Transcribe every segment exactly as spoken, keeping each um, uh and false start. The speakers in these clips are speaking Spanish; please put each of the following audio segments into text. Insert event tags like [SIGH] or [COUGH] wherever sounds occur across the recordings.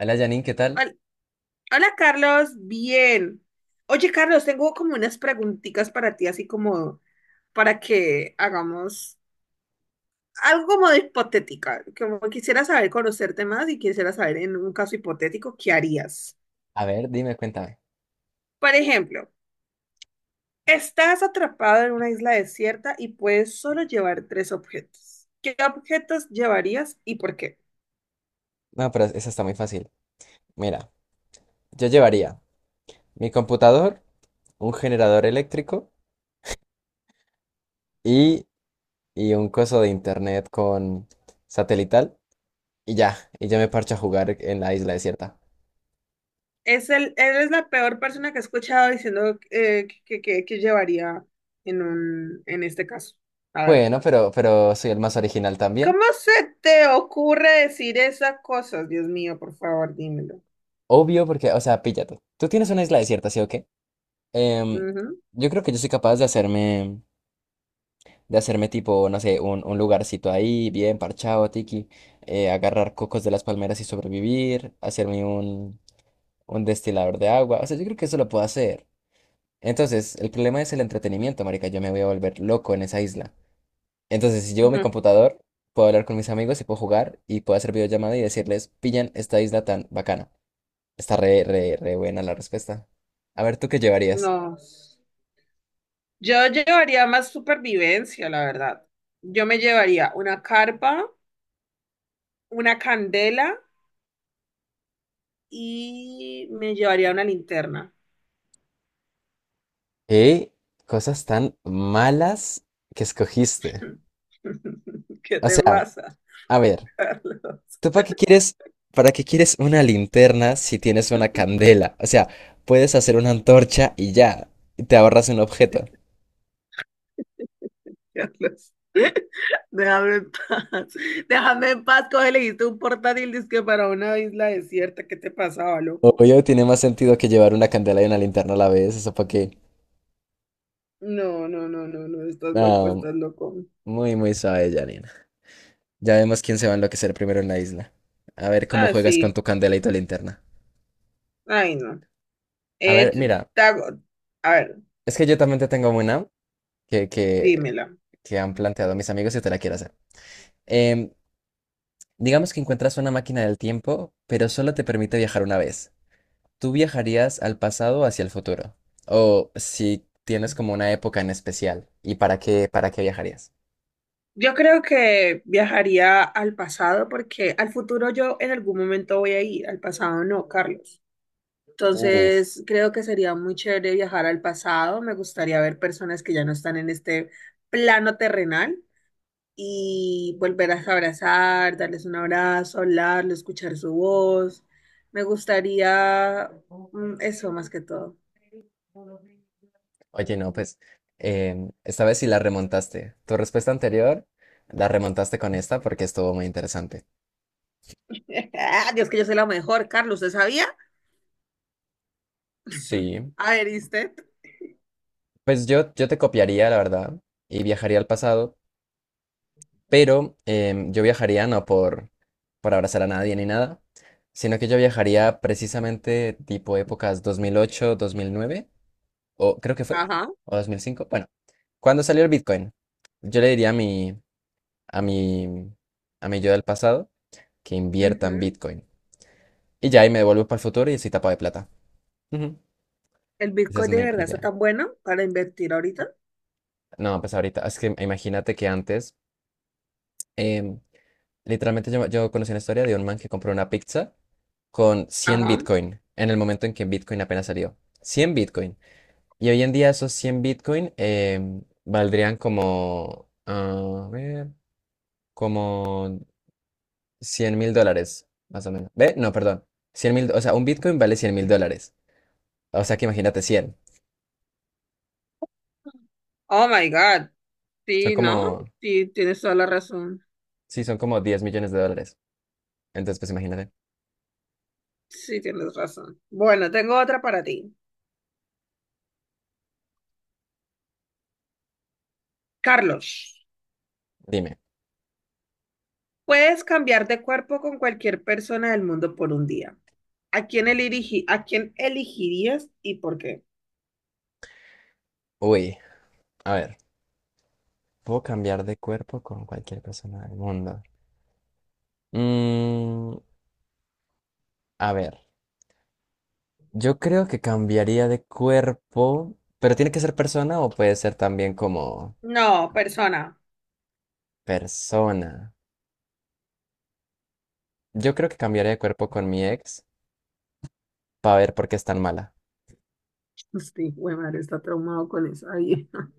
Hola Janine, ¿qué tal? Hol- Hola, Carlos, bien. Oye, Carlos, tengo como unas preguntitas para ti, así como para que hagamos algo como de hipotética, como quisiera saber conocerte más y quisiera saber en un caso hipotético qué harías. A ver, dime, cuéntame. Por ejemplo, estás atrapado en una isla desierta y puedes solo llevar tres objetos. ¿Qué objetos llevarías y por qué? No, pero esa está muy fácil. Mira, yo llevaría mi computador, un generador eléctrico y, y un coso de internet con satelital y ya, y yo me parcho a jugar en la isla desierta. Es el, él es la peor persona que he escuchado diciendo eh, que, que, que llevaría en un, en este caso, la Bueno, verdad. pero, pero soy el más original también. ¿Cómo se te ocurre decir esas cosas? Dios mío, por favor, dímelo. Obvio, porque, o sea, píllate. Tú tienes una isla desierta, ¿sí o qué? Em, Ujú, yo creo que yo soy capaz de hacerme de hacerme tipo, no sé, un, un lugarcito ahí, bien parchado, tiki, eh, agarrar cocos de las palmeras y sobrevivir, hacerme un, un destilador de agua, o sea, yo creo que eso lo puedo hacer. Entonces, el problema es el entretenimiento, marica, yo me voy a volver loco en esa isla. Entonces, si llevo mi ujú. computador, puedo hablar con mis amigos y puedo jugar y puedo hacer videollamada y decirles, pillan esta isla tan bacana. Está re, re, re buena la respuesta. A ver, ¿tú qué llevarías? No. Yo llevaría más supervivencia, la verdad. Yo me llevaría una carpa, una candela y me llevaría una linterna. ¿Qué cosas tan malas que escogiste? [LAUGHS] ¿Qué O te sea, pasa, a ver. Carlos? ¿Tú para qué quieres, para qué quieres una linterna si tienes una candela? [LAUGHS] O sea, puedes hacer una antorcha y ya, y te ahorras un objeto. Carlos. [LAUGHS] Déjame en paz. Déjame en paz. Coge, le diste un portátil disque para una isla desierta. ¿Qué te pasaba, loco? Obvio, tiene más sentido que llevar una candela y una linterna a la vez, eso para qué. No, no, no, no, no. Estás loco, No, estás loco. muy, muy suave, Janina. Ya vemos quién se va a enloquecer primero en la isla. A ver cómo Ah, juegas con sí. tu candela y tu linterna. Ay, no. A Eh, ver, t- mira, te hago- A ver, es que yo también te tengo una que, que, dímela. que han planteado mis amigos y te la quiero hacer. Em, digamos que encuentras una máquina del tiempo, pero solo te permite viajar una vez. ¿Tú viajarías al pasado o hacia el futuro? O si tienes como una época en especial, ¿y para qué, para qué viajarías? Yo creo que viajaría al pasado porque al futuro yo en algún momento voy a ir. Al pasado no, Carlos. Uf, Entonces, creo que sería muy chévere viajar al pasado. Me gustaría ver personas que ya no están en este plano terrenal y volverlas a abrazar, darles un abrazo, hablarles, escuchar su voz. Me gustaría mm, eso más que todo. oye, no, pues em, esta vez sí la remontaste. Tu respuesta anterior la remontaste con esta porque estuvo muy interesante. [LAUGHS] Dios, que yo soy la mejor, Carlos, ¿usted sabía? Sí, A ver, ¿y usted? pues yo, yo te copiaría, la verdad, y viajaría al pasado, pero em, yo viajaría no por, por abrazar a nadie ni nada, sino que yo viajaría precisamente tipo épocas dos mil ocho, dos mil nueve o creo que fue, Ajá. o dos mil cinco. Bueno, cuando salió el Bitcoin, yo le diría a mi, a mi, a mi yo del pasado que invierta en Ujú. Bitcoin. Y ya ahí me devuelvo para el futuro y estoy tapado de plata. Ujú. ¿El Esa es Bitcoin de mi verdad está idea. tan bueno para invertir ahorita? No, pues ahorita, es que imagínate que antes, em, literalmente yo, yo conocí una historia de un man que compró una pizza con cien Ajá. Bitcoin en el momento en que Bitcoin apenas salió. cien Bitcoin. Y hoy en día esos cien Bitcoin em, valdrían como, a ver, como cien mil dólares, más o menos. ¿Ve? No, perdón. Cien mil, o sea, un Bitcoin vale cien mil dólares. O sea que imagínate. Cien Oh my God. Son Sí, como, ¿no? Sí, tienes toda la razón. sí, son como diez millones de dólares. Entonces, pues imagínate. Sí, tienes razón. Bueno, tengo otra para ti. Carlos, Dime. puedes cambiar de cuerpo con cualquier persona del mundo por un día. ¿A quién eligi- a quién elegirías y por qué? Uy, a ver. ¿Puedo cambiar de cuerpo con cualquier persona del mundo? Mm, a ver. Yo creo que cambiaría de cuerpo, pero tiene que ser persona o puede ser también como No, persona. [LAUGHS] persona. Yo creo que cambiaría de cuerpo con mi ex para ver por qué es tan mala. Sí, güey, madre, está traumado con esa vieja.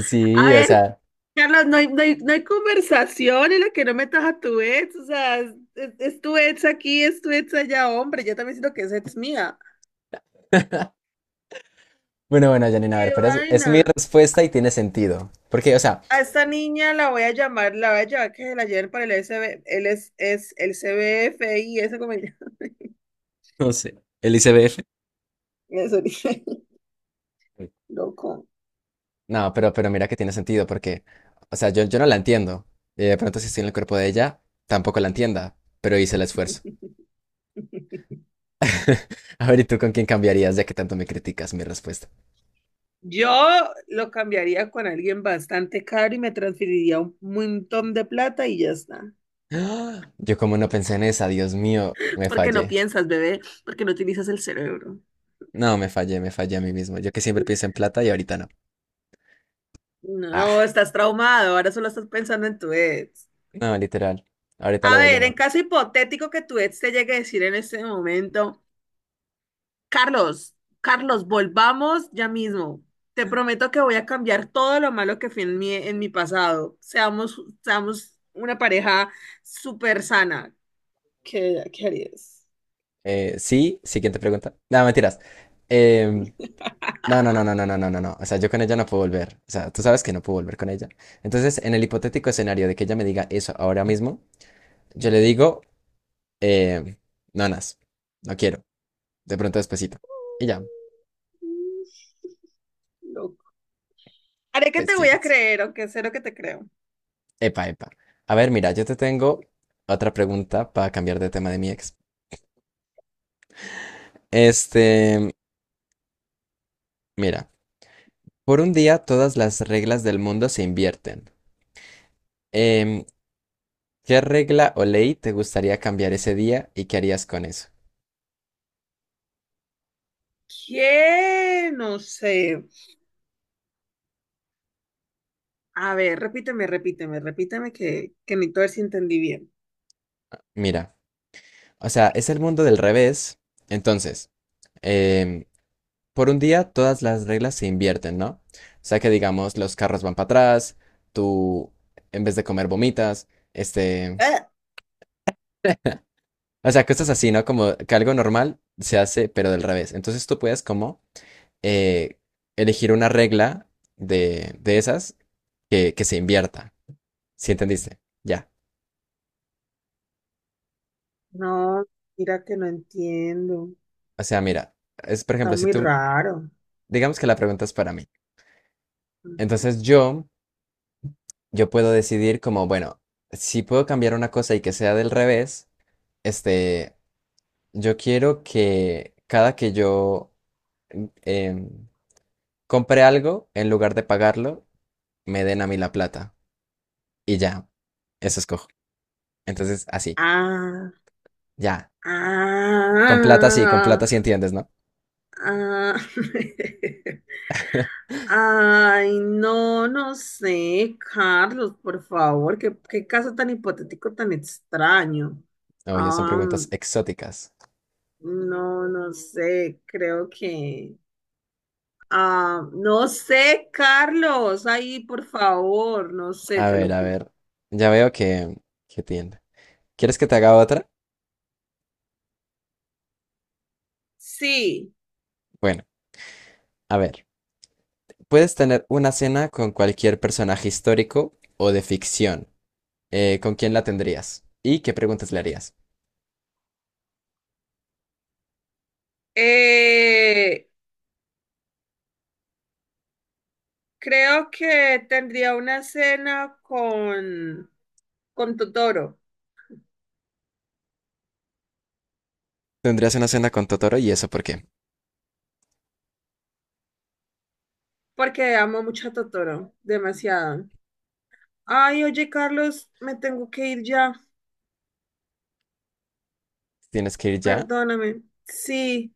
[LAUGHS] A Sí, o ver, sea. Carlos, no hay, no hay- no hay conversación en la que no metas a tu ex. O sea, es, es- es tu ex aquí, es tu ex allá, hombre. Yo también siento que es ex mía. Bueno, bueno, Janina, a ver, ¡Qué pero es, es mi vaina! respuesta y tiene sentido. Porque, o sea, A esta niña la voy a llamar, la voy a llevar que se la lleven para el S B, él es, es el C CBFI. eso como ya- no sé. El I C B F. [LAUGHS] Eso dije, loco. No, pero, pero mira que tiene sentido, porque, o sea, yo, yo no la entiendo. Y de pronto, si estoy en el cuerpo de ella, tampoco la entienda, pero hice el esfuerzo. [LAUGHS] A ver, ¿y tú con quién cambiarías, ya que tanto me criticas mi respuesta? Yo lo cambiaría con alguien bastante caro y me transferiría un montón de plata y ya está. ¡Ah! Yo, como no pensé en esa, Dios mío, me Porque no fallé. piensas, bebé, porque no utilizas el cerebro. No, me fallé, me fallé a mí mismo. Yo que siempre pienso en plata y ahorita no. No, Ah, estás traumado, ahora solo estás pensando en tu ex. no, literal. Ahorita la A voy a ver, en llamar. caso hipotético que tu ex te llegue a decir en este momento, Carlos, Carlos, volvamos ya mismo. Te prometo que voy a cambiar todo lo malo que fui en mi, en mi pasado. Seamos, seamos una pareja súper sana. ¿Qué, qué harías? Eh, sí, siguiente pregunta. No, mentiras. Em, No, no, no, no, no, no, no, no, no. O sea, yo con ella no puedo volver. O sea, tú sabes que no puedo volver con ella. Entonces, en el hipotético escenario de que ella me diga eso ahora mismo, yo le digo, eh, nonas, no quiero. De pronto despacito. Y ya, [LAUGHS] Loco. Haré que pues te sí, voy a pues. creer, aunque sé lo que te creo. Epa, epa. A ver, mira, yo te tengo otra pregunta para cambiar de tema de mi ex. Este, mira, por un día todas las reglas del mundo se invierten. Em, ¿qué regla o ley te gustaría cambiar ese día y qué harías con eso? ¿Qué? No sé. A ver, repíteme, repíteme, repíteme que, que necesito ver si entendí bien. Mira. O sea, es el mundo del revés. Entonces, em, por un día todas las reglas se invierten, ¿no? O sea que digamos, los carros van para atrás, tú en vez de comer vomitas, este... Eh, o sea, cosas así, ¿no? Como que algo normal se hace, pero del revés. Entonces tú puedes como eh, elegir una regla de, de esas que, que se invierta. ¿Sí entendiste? Ya. No, mira que no entiendo. O sea, mira, es por Está ejemplo, si muy tú, raro. digamos que la pregunta es para mí. Ujú. Entonces yo... yo puedo decidir como, bueno, si puedo cambiar una cosa y que sea del revés, este, yo quiero que cada que yo mm, em, compre algo, en lugar de pagarlo, me den a mí la plata. Y ya, eso escojo. Entonces, así, Ah, ya. Con plata sí, con ah, plata sí entiendes, ¿no? ah. [LAUGHS] [LAUGHS] Ay, no, no sé, Carlos, por favor, qué, qué caso tan hipotético, tan extraño. Oye, son Ah, preguntas exóticas. no, no sé, creo que. Ah, no sé, Carlos, ahí, por favor, no sé, A te ver, lo a juro. ver. Ya veo que, que, tiende. ¿Quieres que te haga otra? Sí, Bueno, a ver. Puedes tener una cena con cualquier personaje histórico o de ficción. Eh, ¿con quién la tendrías? ¿Y qué preguntas le harías? eh, creo que tendría una cena con, con Totoro, ¿Tendrías una cena con Totoro y eso por qué? porque amo mucho a Totoro, demasiado. Ay, oye, Carlos, me tengo que ir ya, ¿Tienes que ir ya? perdóname. Sí,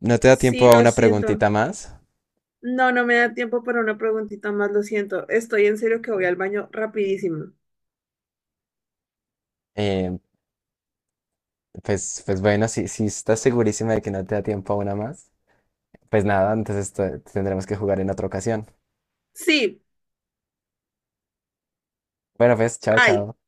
¿No te da sí, tiempo a lo una siento. preguntita más? No, no me da tiempo para una preguntita más, lo siento. Estoy en serio que voy al baño rapidísimo. Eh, pues, pues bueno, si, si estás segurísima de que no te da tiempo a una más, pues nada, entonces te- tendremos que jugar en otra ocasión. Sí, Bueno, pues, chao, bye. chao.